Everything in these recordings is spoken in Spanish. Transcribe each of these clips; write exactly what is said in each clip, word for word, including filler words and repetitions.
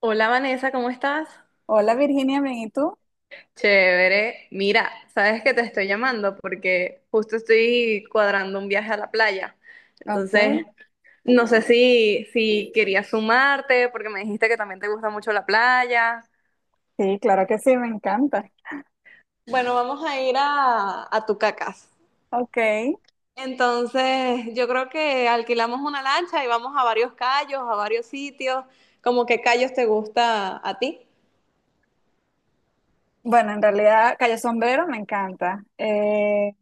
Hola Vanessa, ¿cómo estás? Hola Virginia, bien, ¿y tú? Chévere. Mira, sabes que te estoy llamando porque justo estoy cuadrando un viaje a la playa. Ok, Entonces, no sé si, si querías sumarte porque me dijiste que también te gusta mucho la playa. sí, claro que sí, me encanta. Bueno, vamos a ir a, a Tucacas. Ok, Entonces, yo creo que alquilamos una lancha y vamos a varios callos, a varios sitios. ¿Cómo qué callos te gusta a ti? bueno, en realidad Cayo Sombrero me encanta. Eh,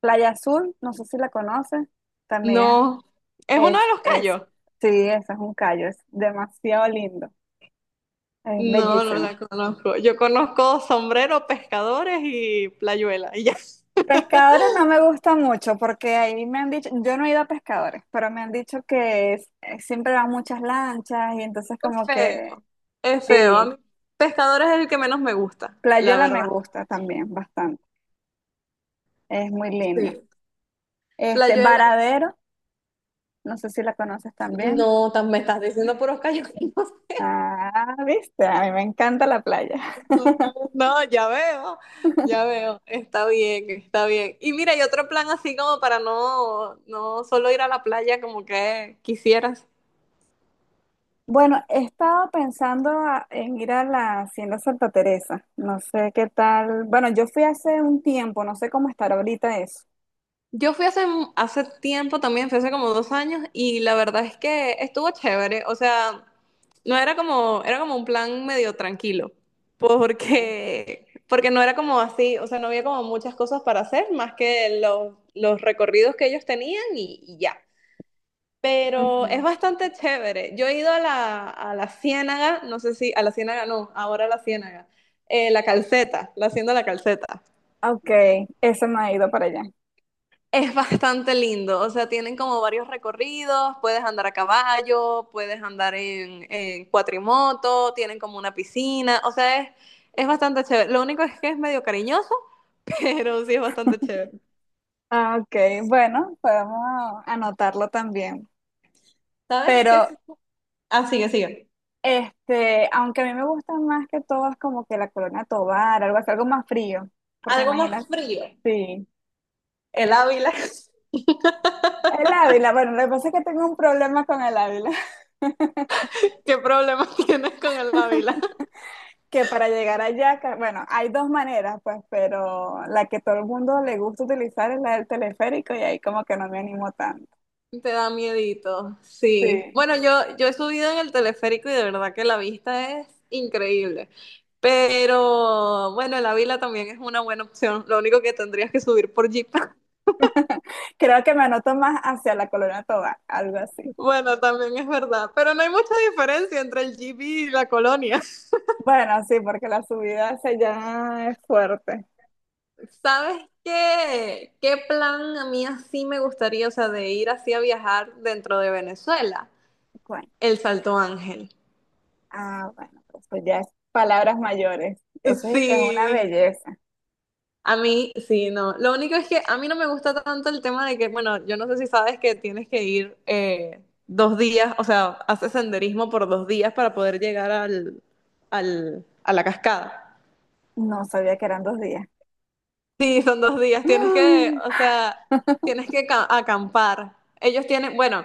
Playa Azul, no sé si la conoces, también No, es uno es, de los es, callos. sí, esa es un callo, es demasiado lindo, es No, no bellísimo. la conozco. Yo conozco sombrero, pescadores y playuela. Y ya. Es Pescadores no me gusta mucho porque ahí me han dicho, yo no he ido a pescadores, pero me han dicho que es- eh, siempre van muchas lanchas y entonces como que feo. Es feo. A sí, mí, pescadores es el que menos me gusta, la Playuela me verdad. gusta también bastante, es muy linda. Sí. Este, Playuela. Varadero, no sé si la conoces también. No, tan- me estás diciendo puros callos. Ah, viste, a mí me encanta la playa. No, no, ya veo, ya veo, está bien, está bien. Y mira, y otro plan así como para no, no solo ir a la playa como que quisieras. Bueno, he estado pensando a- en ir a la Hacienda Santa Teresa. No sé qué tal. Bueno, yo fui hace un tiempo, no sé cómo estará ahorita eso. Yo fui hace, mu- hace tiempo también, fui hace como dos años, y la verdad es que estuvo chévere. O sea, no era como, era como un plan medio tranquilo, Okay. porque, porque no era como así, o sea, no había como muchas cosas para hacer, más que los, los recorridos que ellos tenían y, y ya. Pero es Ujú. bastante chévere. Yo he ido a la, a la Ciénaga, no sé si, a la Ciénaga no, ahora a la Ciénaga. Eh, la Calceta, la Hacienda de la Calceta. Ok, eso me ha ido para allá. Es bastante lindo, o sea, tienen como varios recorridos, puedes andar a caballo, puedes andar en, en cuatrimoto, tienen como una piscina, o sea, es, es bastante chévere. Lo único es que es medio cariñoso, pero sí es bastante chévere. Ah, ok, bueno, podemos anotarlo también. ¿Sabes qué es? Pero, Ah, sigue, sigue. este, aunque a mí me gusta más que todo es como que la Corona Tobar, algo así, algo más frío. Porque Algo más imagina, frío. sí. El Ávila. El Ávila, bueno, lo que pasa es que tengo un problema con el Ávila, ¿Qué problema tienes con el Ávila? que para llegar allá, ca- bueno, hay dos maneras, pues, pero la que todo el mundo le gusta utilizar es la del teleférico y ahí como que no me animo tanto. Te da miedito, sí. Sí. Bueno, yo, yo he subido en el teleférico y de verdad que la vista es increíble. Pero bueno, el Ávila también es una buena opción. Lo único que tendrías que subir por Jeep. Creo que me anoto más hacia la Colonia Toba, algo así. Bueno, también es verdad. Pero no hay mucha diferencia entre el Jeep y la colonia. Bueno, sí, porque la subida hacia allá es fuerte. ¿Sabes qué? ¿Qué plan a mí así me gustaría, o sea, de ir así a viajar dentro de Venezuela? Bueno, El Salto Ángel. ah, bueno, pues eso ya es palabras mayores. Eso sí que es una Sí, belleza. A mí, sí, no. Lo único es que a mí no me gusta tanto el tema de que, bueno, yo no sé si sabes que tienes que ir eh, dos días, o sea, haces senderismo por dos días para poder llegar al, al, a la cascada. No sabía que eran dos días. Sí, son dos días. Tienes que, o sea, tienes que ca- acampar. Ellos tienen, bueno,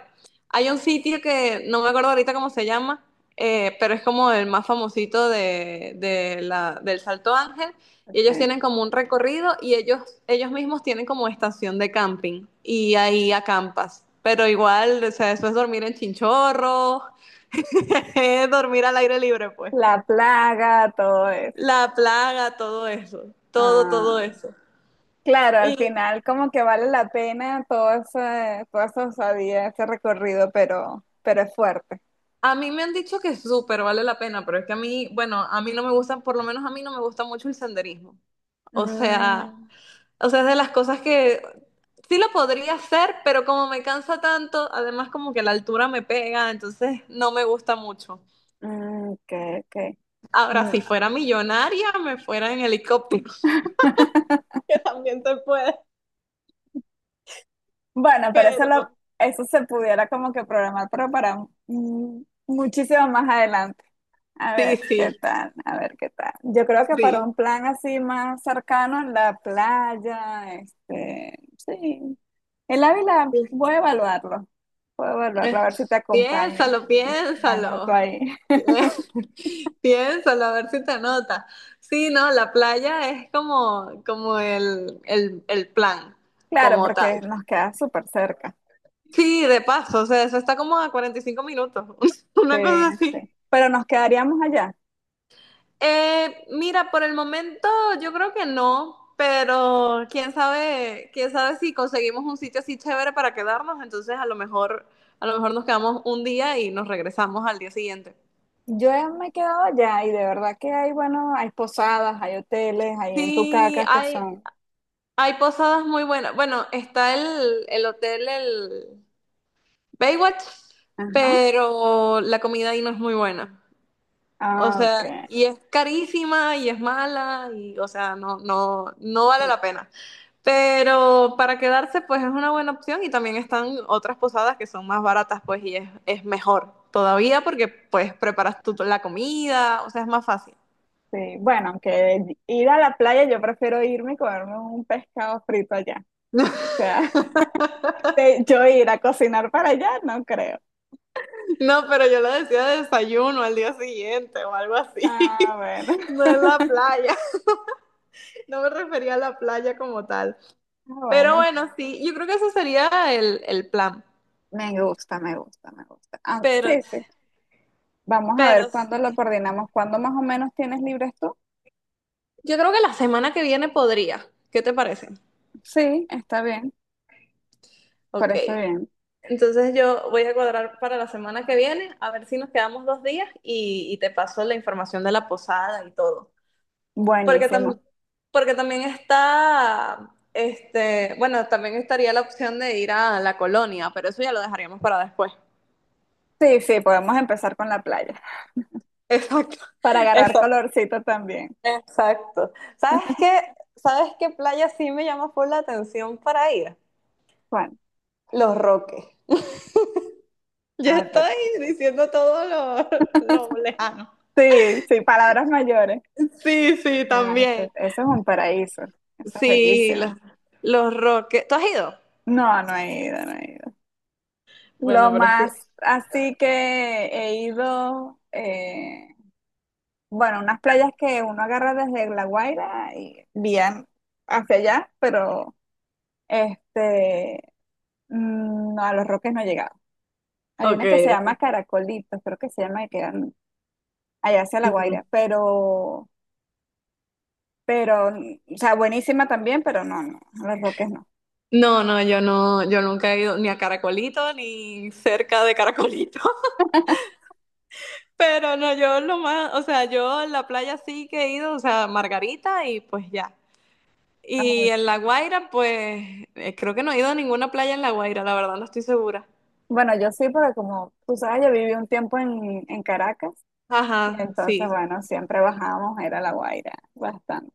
hay un sitio que no me acuerdo ahorita cómo se llama, eh, pero es como el más famosito de, de la, del Salto Ángel. Y ellos Ok. tienen como un recorrido y ellos, ellos mismos tienen como estación de camping y ahí acampas. Pero igual, o sea, eso es dormir en chinchorro, es dormir al aire libre, pues. La plaga, todo eso. La plaga, todo eso, todo, todo Ah. eso. Claro, al final como que vale la pena todo ese, toda esa osadía, ese recorrido, pero, pero es fuerte. A mí me han dicho que súper vale la pena, pero es que a mí, bueno, a mí no me gusta, por lo menos a mí no me gusta mucho el senderismo. O sea, Mm, o sea, es de las cosas que sí lo podría hacer, pero como me cansa tanto, además como que la altura me pega, entonces no me gusta mucho. mm, ok, ok. Ahora, Mm. si fuera millonaria, me fuera en helicóptero. Que también se puede, Bueno, pero eso, lo, pero… eso se pudiera como que programar, pero para mm, muchísimo más adelante. A Sí, ver qué sí, tal, a ver qué tal. Yo creo que para sí. un plan así más cercano en la playa, este, sí, el Ávila, voy a evaluarlo. Voy a evaluarlo, Eh, a ver si te acompaña. Piénsalo, Me anoto piénsalo. ahí. Piénsalo, a ver si te nota. Sí, no, la playa es como, como el, el, el plan, Claro, como porque tal. nos queda súper cerca. Sí, de paso, o sea, eso está como a cuarenta y cinco minutos, Sí, una cosa así. sí. Pero nos quedaríamos allá. Eh, mira, por el momento yo creo que no, pero quién sabe, quién sabe si conseguimos un sitio así chévere para quedarnos, entonces a lo mejor, a lo mejor nos quedamos un día y nos regresamos al día siguiente. Yo he- me he quedado allá y de verdad que hay, bueno, hay posadas, hay hoteles, hay en Sí, Tucacas que hay, son. Hay posadas muy buenas. Bueno, está el, el hotel, el Baywatch, Ajá. pero la comida ahí no es muy buena. O Ah, ok. sea, y es carísima y es mala y, o sea, no, no, no vale la pena. Pero para quedarse, pues es una buena opción y también están otras posadas que son más baratas, pues, y es, es mejor todavía porque, pues, preparas tú la comida, o sea, es más fácil. Sí, bueno, aunque ir a la playa, yo prefiero irme y comerme un pescado frito allá. O sea, de- yo ir a cocinar para allá, no creo. No, pero yo lo decía de desayuno al día siguiente o algo así, Ah, bueno. no en la playa. No me refería a la playa como tal. Ah, Pero bueno, bueno, sí, yo creo que ese sería el, el plan. me gusta, me gusta, me gusta. Ah, Pero, sí, sí. Vamos a ver pero, cuándo lo coordinamos. ¿Cuándo más o menos tienes libres tú? Yo creo que la semana que viene podría. ¿Qué te parece? Sí, está bien. Ok. Parece bien. Entonces yo voy a cuadrar para la semana que viene, a ver si nos quedamos dos días y, y te paso la información de la posada y todo. Porque Buenísimo. también, porque también está, este, bueno, también estaría la opción de ir a la colonia, pero eso ya lo dejaríamos para después. Sí, sí, podemos empezar con la playa. Exacto, Para agarrar exacto. colorcito también. Exacto. ¿Sabes qué? ¿Sabes qué playa sí me llama por la atención para ir? Juan. Los Roques. Yo Ah, pero... estoy diciendo todo lo, lo lejano. Sí, sí, palabras mayores. Sí, sí, No, eso, también. eso es un paraíso. Eso es Sí, los, bellísimo. los Roques. ¿Tú has ido? No, no he ido, no he ido. Lo Bueno, pero es que… más así que he ido. eh, Bueno, unas playas que uno agarra desde La Guaira y bien hacia allá, pero este, mm, no, a los Roques no he llegado. Hay Ok, una que se llama ok. Caracolitos, creo que se llama, que quedan allá hacia La Mm. Guaira, pero, pero, mm, o sea, buenísima también, pero no, no, a los Roques no. No, no, yo no, yo nunca he ido ni a Caracolito ni cerca de Caracolito. Pero no, yo lo más, o sea, yo a la playa sí que he ido, o sea, Margarita y pues ya. Ah, Y en La ok. Guaira, pues eh, creo que no he ido a ninguna playa en La Guaira, la verdad no estoy segura. Bueno, yo sí, porque como tú sabes, yo viví un tiempo en, en Caracas, y Ajá, entonces, sí, bueno, siempre bajábamos, era La Guaira, bastante.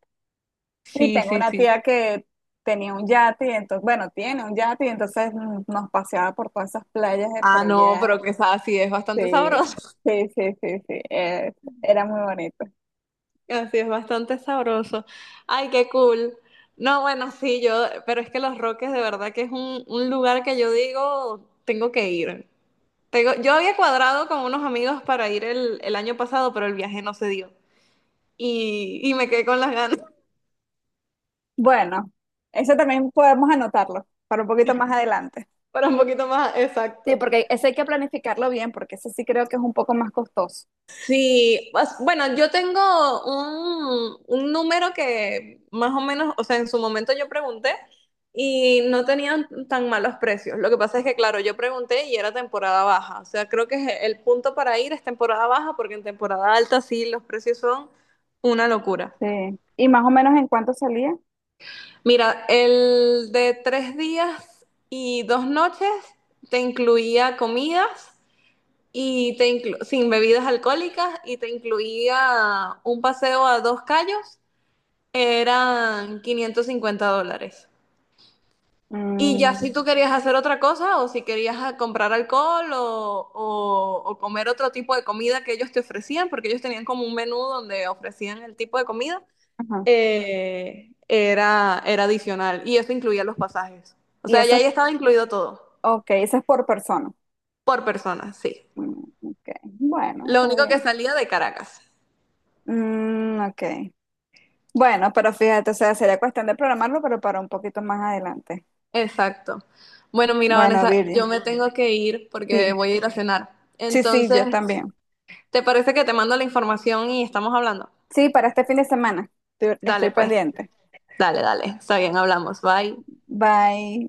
Y sí, tengo sí, una sí. tía que tenía un yate, y entonces, bueno, tiene un yate, y entonces mm, nos paseaba por todas esas playas de Ah, por no, allá. pero que sa- así es bastante sabroso. Sí, sí, sí, sí, sí, es- era muy bonito. Así es bastante sabroso. Ay, qué cool. No, bueno, sí, yo, pero es que Los Roques de verdad que es un, un lugar que yo digo, tengo que ir. Tengo- yo había cuadrado con unos amigos para ir el, el año pasado, pero el viaje no se dio. Y, y me quedé con las ganas Bueno, eso también podemos anotarlo para un poquito más adelante. para un poquito más, Sí, exacto. porque ese hay que planificarlo bien, porque ese sí creo que es un poco más costoso. Sí, pues, bueno, yo tengo un, un número que más o menos, o sea, en su momento yo pregunté y no tenían tan malos precios. Lo que pasa es que, claro, yo pregunté y era temporada baja. O sea, creo que es el punto para ir es temporada baja porque en temporada alta sí los precios son una locura. Sí. ¿Y más o menos en cuánto salía? Mira, el de tres días y dos noches te incluía comidas. Y te inclu- sin bebidas alcohólicas y te incluía un paseo a dos callos, eran quinientos cincuenta dólares. Y ya si Mm, tú querías hacer otra cosa o si querías ah, comprar alcohol o, o- o comer otro tipo de comida que ellos te ofrecían, porque ellos tenían como un menú donde ofrecían el tipo de comida, ajá. eh, era, era adicional y eso incluía los pasajes. O Y sea, ya eso es, ahí estaba incluido todo, ok, eso es por persona. por persona, sí. Mm, ok, bueno, Lo está único que bien. salía de Caracas. Mm, ok. Bueno, pero fíjate, o sea, sería cuestión de programarlo, pero para un poquito más adelante. Exacto. Bueno, mira, Bueno, Vanessa, yo Virgin, me tengo que ir porque sí, voy a ir a cenar. sí, sí, Entonces, yo también. ¿te parece que te mando la información y estamos hablando? Sí, para este fin de semana. Estoy, estoy Dale, pues. pendiente. Dale, dale. Está bien, hablamos. Bye. Bye.